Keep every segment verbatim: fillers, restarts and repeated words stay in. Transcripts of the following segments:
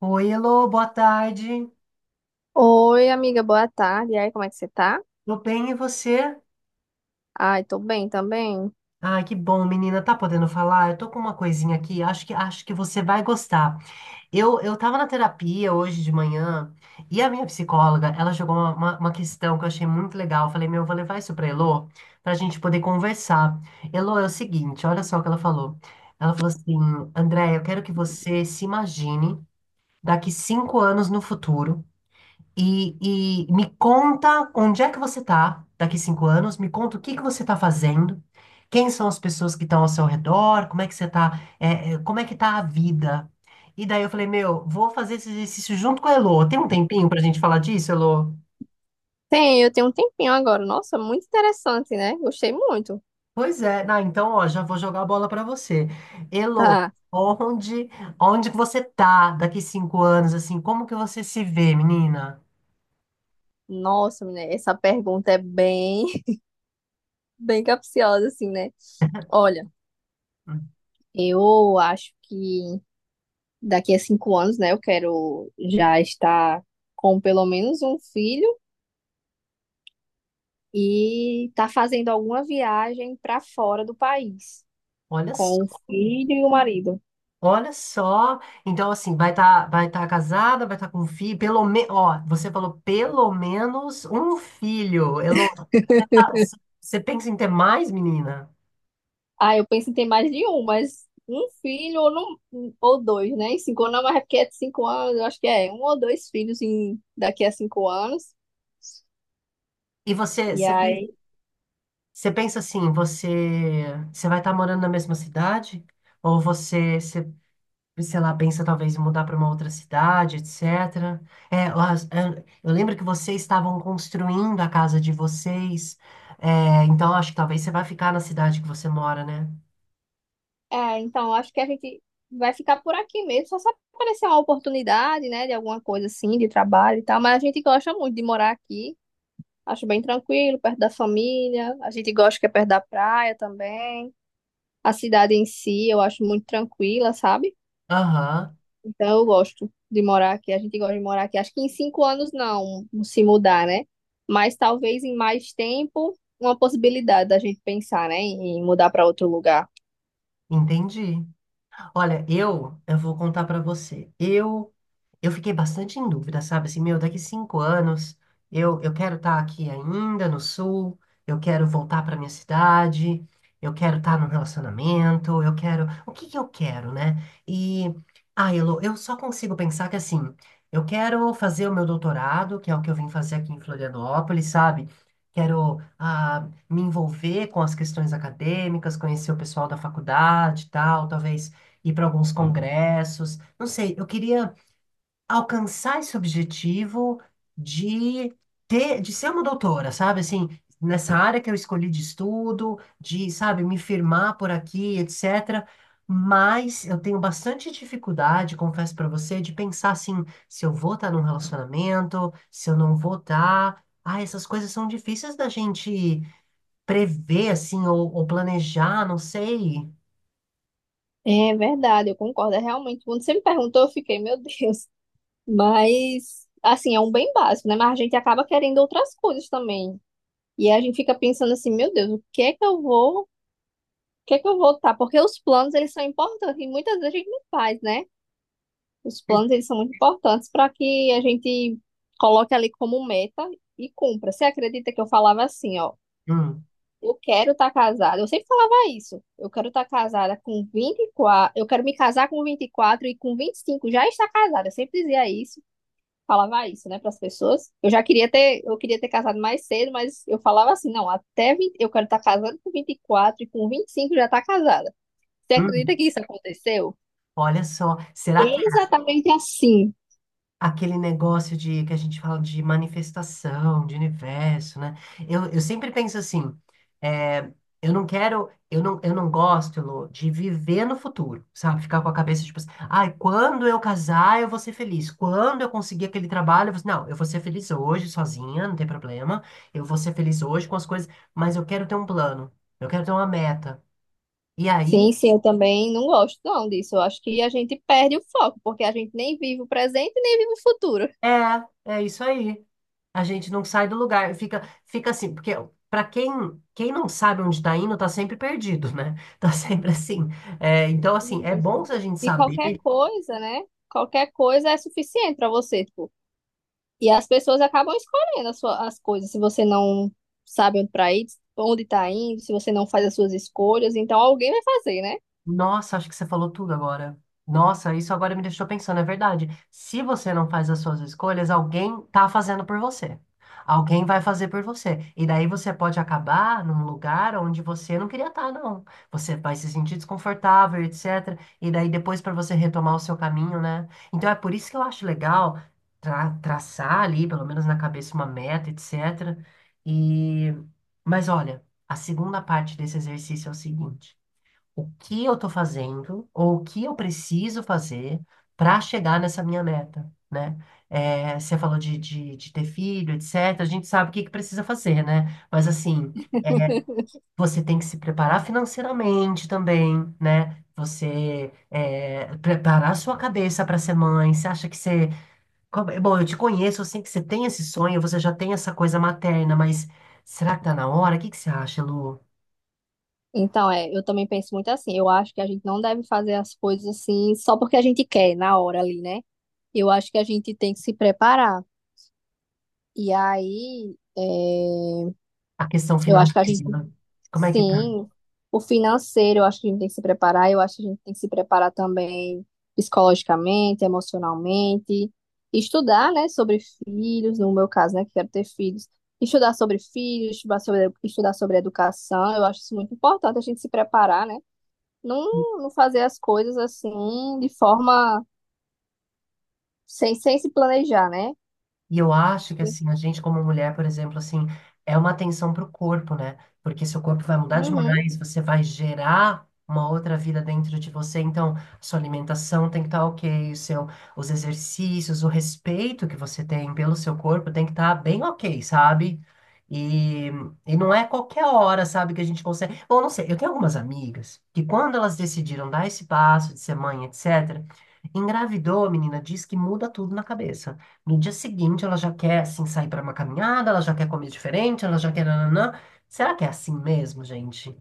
Oi, Elô, boa tarde. Oi, amiga, boa tarde. E aí, como é que você tá? Tô bem, e você? Ai, tô bem também. Ai, que bom, menina. Tá podendo falar? Eu tô com uma coisinha aqui, acho que acho que você vai gostar. Eu, eu tava na terapia hoje de manhã e a minha psicóloga, ela jogou uma, uma, uma questão que eu achei muito legal. Eu falei, meu, eu vou levar isso pra Elô pra gente poder conversar. Elô, é o seguinte, olha só o que ela falou. Ela falou assim, André, eu quero que você se imagine daqui cinco anos no futuro. E, e me conta onde é que você está daqui cinco anos, me conta o que que você está fazendo, quem são as pessoas que estão ao seu redor, como é que você está, como é que está a vida. E daí eu falei, meu, vou fazer esse exercício junto com a Elô. Tem um tempinho para a gente falar disso, Elô? Tem, eu tenho um tempinho agora. Nossa, muito interessante, né? Gostei muito. Pois é, ah, então ó, já vou jogar a bola para você. Elô, Tá. onde, onde que você está daqui cinco anos, assim, como que você se vê, menina? Nossa, menina, essa pergunta é bem, bem capciosa, assim, né? Olha, Hum. eu acho que daqui a cinco anos, né, eu quero já estar com pelo menos um filho e tá fazendo alguma viagem pra fora do país Olha só. com o filho e o marido. Olha só, então assim, vai estar vai tá casada, vai estar com um filho, pelo menos, ó, você falou pelo menos um filho. Elo, ah, c- você pensa em ter mais, menina? Ah, eu penso em ter mais de um, mas um filho ou, não, ou dois, né? Em cinco anos, mas é porque é de cinco anos, eu acho que é um ou dois filhos em, daqui a cinco anos. E você, E você, pe- aí, você pensa assim, você, você vai estar morando na mesma cidade? Ou você, você, sei lá, pensa talvez em mudar para uma outra cidade, etcétera. É, ó, eu, eu lembro que vocês estavam construindo a casa de vocês, é, então acho que talvez você vai ficar na cidade que você mora, né? é, então, acho que a gente vai ficar por aqui mesmo, só se aparecer uma oportunidade, né, de alguma coisa assim, de trabalho e tal, mas a gente gosta muito de morar aqui. Acho bem tranquilo, perto da família. A gente gosta que é perto da praia também. A cidade em si, eu acho muito tranquila, sabe? Aham. Então eu gosto de morar aqui. A gente gosta de morar aqui. Acho que em cinco anos não se mudar, né? Mas talvez em mais tempo, uma possibilidade da gente pensar, né? Em mudar para outro lugar. Entendi. Olha, eu, eu vou contar para você. Eu eu fiquei bastante em dúvida, sabe? Assim, meu, daqui cinco anos eu, eu quero estar aqui ainda no sul, eu quero voltar para minha cidade, eu quero estar num relacionamento, eu quero. O que que eu quero, né? E, ah, Elo, eu só consigo pensar que assim, eu quero fazer o meu doutorado, que é o que eu vim fazer aqui em Florianópolis, sabe? Quero, ah, me envolver com as questões acadêmicas, conhecer o pessoal da faculdade e tal, talvez ir para alguns congressos. Não sei, eu queria alcançar esse objetivo de ter, de ser uma doutora, sabe? Assim, nessa área que eu escolhi de estudo, de, sabe, me firmar por aqui, etcétera. Mas eu tenho bastante dificuldade, confesso para você, de pensar assim, se eu vou estar num relacionamento, se eu não vou estar. Ah, essas coisas são difíceis da gente prever, assim, ou, ou planejar, não sei. É verdade, eu concordo. É realmente. Quando você me perguntou, eu fiquei, meu Deus. Mas, assim, é um bem básico, né? Mas a gente acaba querendo outras coisas também. E a gente fica pensando assim, meu Deus, o que é que eu vou. O que é que eu vou tá. Porque os planos, eles são importantes e muitas vezes a gente não faz, né? Os planos, eles são muito importantes para que a gente coloque ali como meta e cumpra. Você acredita que eu falava assim, ó, Hum, eu quero estar casada. Eu sempre falava isso. Eu quero estar casada com vinte e quatro. Eu quero me casar com vinte e quatro e com vinte e cinco já estar casada. Eu sempre dizia isso, falava isso, né, para as pessoas. Eu já queria ter, eu queria ter casado mais cedo, mas eu falava assim, não, até vinte, eu quero estar casada com vinte e quatro e com vinte e cinco já estar casada. Você acredita hum. que isso aconteceu? Olha só, será Exatamente assim. aquele negócio de que a gente fala de manifestação, de universo, né? Eu, eu sempre penso assim, é, eu não quero, eu não, eu não gosto, Elô, de viver no futuro, sabe? Ficar com a cabeça tipo assim, ai, quando eu casar eu vou ser feliz, quando eu conseguir aquele trabalho, eu vou, não, eu vou ser feliz hoje sozinha, não tem problema, eu vou ser feliz hoje com as coisas, mas eu quero ter um plano, eu quero ter uma meta. E aí, Sim, sim, eu também não gosto não disso. Eu acho que a gente perde o foco, porque a gente nem vive o presente, nem vive o futuro. é, é isso aí. A gente não sai do lugar, fica, fica assim, porque para quem, quem não sabe onde está indo, tá sempre perdido, né? Tá sempre assim. É, então, assim, é bom Isso. se a gente E qualquer saber. coisa, né? Qualquer coisa é suficiente para você, tipo. E as pessoas acabam escolhendo as, sua- as coisas, se você não sabe onde para ir, onde tá indo, se você não faz as suas escolhas, então alguém vai fazer, né? Nossa, acho que você falou tudo agora. Nossa, isso agora me deixou pensando, é verdade. Se você não faz as suas escolhas, alguém tá fazendo por você. Alguém vai fazer por você. E daí você pode acabar num lugar onde você não queria estar, não. Você vai se sentir desconfortável, etcétera. E daí depois para você retomar o seu caminho, né? Então é por isso que eu acho legal tra- traçar ali, pelo menos na cabeça, uma meta, etcétera. E... Mas olha, a segunda parte desse exercício é o seguinte: o que eu estou fazendo ou o que eu preciso fazer para chegar nessa minha meta, né? É, você falou de, de, de ter filho, etcétera. A gente sabe o que que precisa fazer, né? Mas assim, você tem que se preparar financeiramente também, né? Você é, preparar a sua cabeça para ser mãe. Você acha que você. como- Bom, eu te conheço, eu sei que você tem esse sonho, você já tem essa coisa materna, mas será que tá na hora? O que que você acha, Lu? Então, é, eu também penso muito assim. Eu acho que a gente não deve fazer as coisas assim só porque a gente quer na hora ali, né? Eu acho que a gente tem que se preparar. E aí. A questão Eu acho que a gente, financeira, como é que tá? sim, o financeiro, eu acho que a gente tem que se preparar, eu acho que a gente tem que se preparar também psicologicamente, emocionalmente, estudar, né, sobre filhos, no meu caso, né, que quero ter filhos, estudar sobre filhos, estudar sobre, estudar sobre educação, eu acho isso muito importante, a gente se preparar, né, não, não fazer as coisas assim, de forma, sem, sem se planejar, né? E eu acho que assim, a gente como mulher, por exemplo, assim, é uma atenção para o corpo, né? Porque seu corpo vai mudar Uhum. demais, você vai gerar uma outra vida dentro de você, então sua alimentação tem que estar OK, o seu, os exercícios, o respeito que você tem pelo seu corpo tem que estar bem OK, sabe? E, e não é qualquer hora, sabe, que a gente consegue. Bom, não sei, eu tenho algumas amigas que quando elas decidiram dar esse passo de ser mãe, etcétera, engravidou, menina, diz que muda tudo na cabeça. No dia seguinte, ela já quer, assim, sair para uma caminhada, ela já quer comer diferente, ela já quer nananã. Será que é assim mesmo, gente?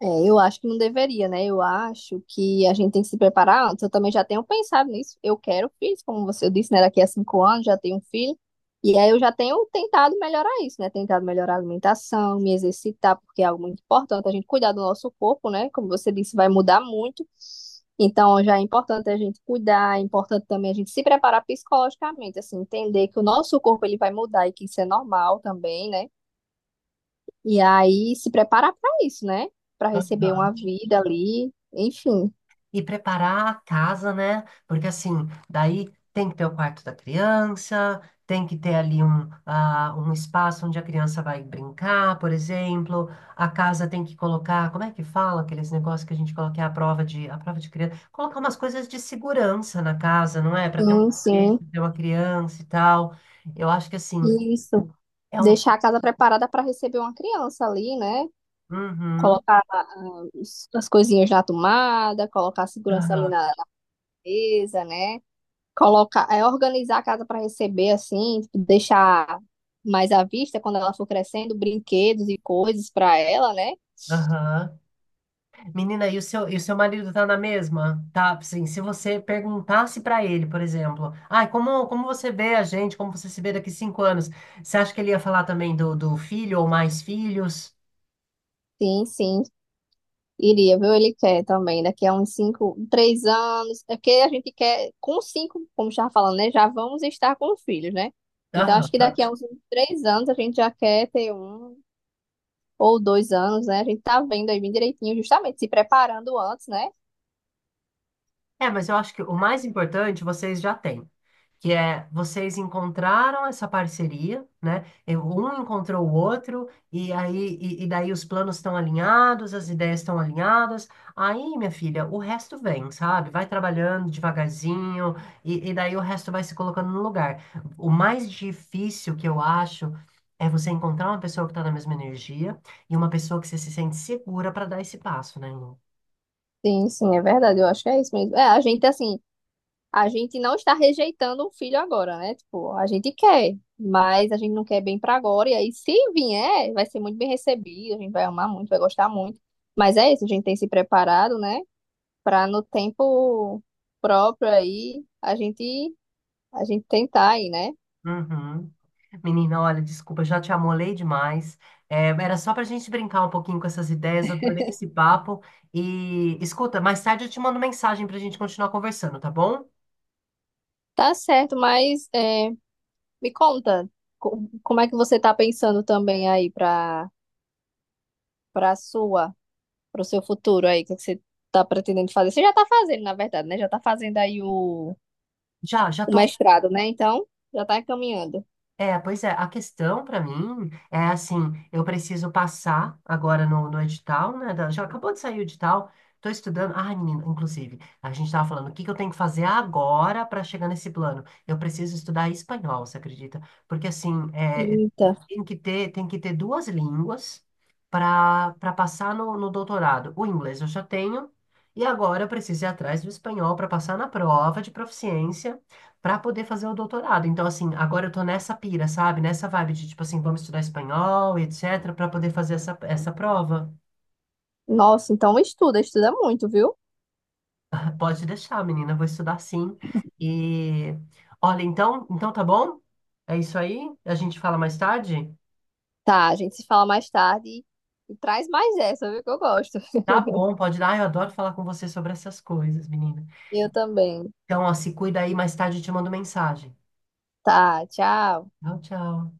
É, eu acho que não deveria, né? Eu acho que a gente tem que se preparar antes. Eu também já tenho pensado nisso. Eu quero filhos, como você disse, né? Daqui a cinco anos já tenho um filho. E aí eu já tenho tentado melhorar isso, né? Tentado melhorar a alimentação, me exercitar, porque é algo muito importante. A gente cuidar do nosso corpo, né? Como você disse, vai mudar muito. Então já é importante a gente cuidar, é importante também a gente se preparar psicologicamente, assim, entender que o nosso corpo ele vai mudar e que isso é normal também, né? E aí se preparar para isso, né? Para receber Aham. uma vida ali, enfim. E preparar a casa, né? Porque, assim, daí tem que ter o quarto da criança, tem que ter ali um, ah, um espaço onde a criança vai brincar, por exemplo. A casa tem que colocar, como é que fala aqueles negócios que a gente coloca é a prova de, a prova de criança? Colocar umas coisas de segurança na casa, não é? Para ter um Sim, brinquedo, sim. ter uma criança e tal. Eu acho que, assim. Isso. É um. Deixar a casa preparada para receber uma criança ali, né? Uhum, Colocar ah, os- as coisinhas na tomada, colocar a segurança ali aham, na, na mesa, né? Colocar, é organizar a casa para receber assim, tipo, deixar mais à vista quando ela for crescendo, brinquedos e coisas para ela, né? aham. Menina, e o seu, e o seu marido tá na mesma? Tá, assim, se você perguntasse pra ele, por exemplo, ai, como, como você vê a gente, como você se vê daqui cinco anos, você acha que ele ia falar também do, do filho ou mais filhos? Sim, sim. Iria, viu? Ele quer também, daqui a uns cinco, três anos. É porque a gente quer, com cinco, como já falando, né? Já vamos estar com filhos, né? Então, acho que Aham. daqui a uns três anos a gente já quer ter um ou dois anos, né? A gente tá vendo aí bem direitinho, justamente se preparando antes, né? É, mas eu acho que o mais importante vocês já têm, que é vocês encontraram essa parceria, né? Eu- Um encontrou o outro, e aí e, e daí os planos estão alinhados, as ideias estão alinhadas. Aí, minha filha, o resto vem, sabe? Vai trabalhando devagarzinho, e, e daí o resto vai se colocando no lugar. O mais difícil que eu acho é você encontrar uma pessoa que está na mesma energia e uma pessoa que você se sente segura para dar esse passo, né, Lu? Sim, sim, é verdade. Eu acho que é isso mesmo. É, a gente, assim. A gente não está rejeitando o filho agora, né? Tipo, a gente quer, mas a gente não quer bem para agora. E aí, se vier, vai ser muito bem recebido, a gente vai amar muito, vai gostar muito. Mas é isso, a gente tem se preparado, né? Para no tempo próprio aí, a gente, a gente tentar aí, né? Uhum. Menina, olha, desculpa, já te amolei demais. É, era só para a gente brincar um pouquinho com essas ideias, adorei esse papo. E escuta, mais tarde eu te mando mensagem para a gente continuar conversando, tá bom? Tá certo, mas é, me conta, co- como é que você tá pensando também aí para para sua, para o seu futuro aí? O que é que você tá pretendendo fazer? Você já tá fazendo, na verdade, né? Já tá fazendo aí o Já, já o tô. mestrado, né? Então, já tá encaminhando. É, pois é, a questão para mim é assim, eu preciso passar agora no, no edital, né? Da- já acabou de sair o edital, tô estudando. Ah, menina, inclusive, a gente tava falando, o que que eu tenho que fazer agora para chegar nesse plano? Eu preciso estudar espanhol, você acredita? Porque assim, é, Eita. tem que ter, tem que ter duas línguas para para passar no, no doutorado. O inglês eu já tenho, e agora eu preciso ir atrás do espanhol para passar na prova de proficiência para poder fazer o doutorado. Então, assim, agora eu tô nessa pira, sabe? Nessa vibe de, tipo assim, vamos estudar espanhol, etc, para poder fazer essa, essa prova. Nossa, então estuda, estuda muito, viu? Pode deixar, menina, vou estudar sim. E olha, então, então tá bom? É isso aí? A gente fala mais tarde? Tá, a gente se fala mais tarde e, e traz mais essa, viu? Que eu gosto. Tá bom, pode dar. Ai, eu adoro falar com você sobre essas coisas, menina. Eu também. Então, ó, se cuida aí, mais tarde eu te mando mensagem. Tá, tchau. Tchau, tchau.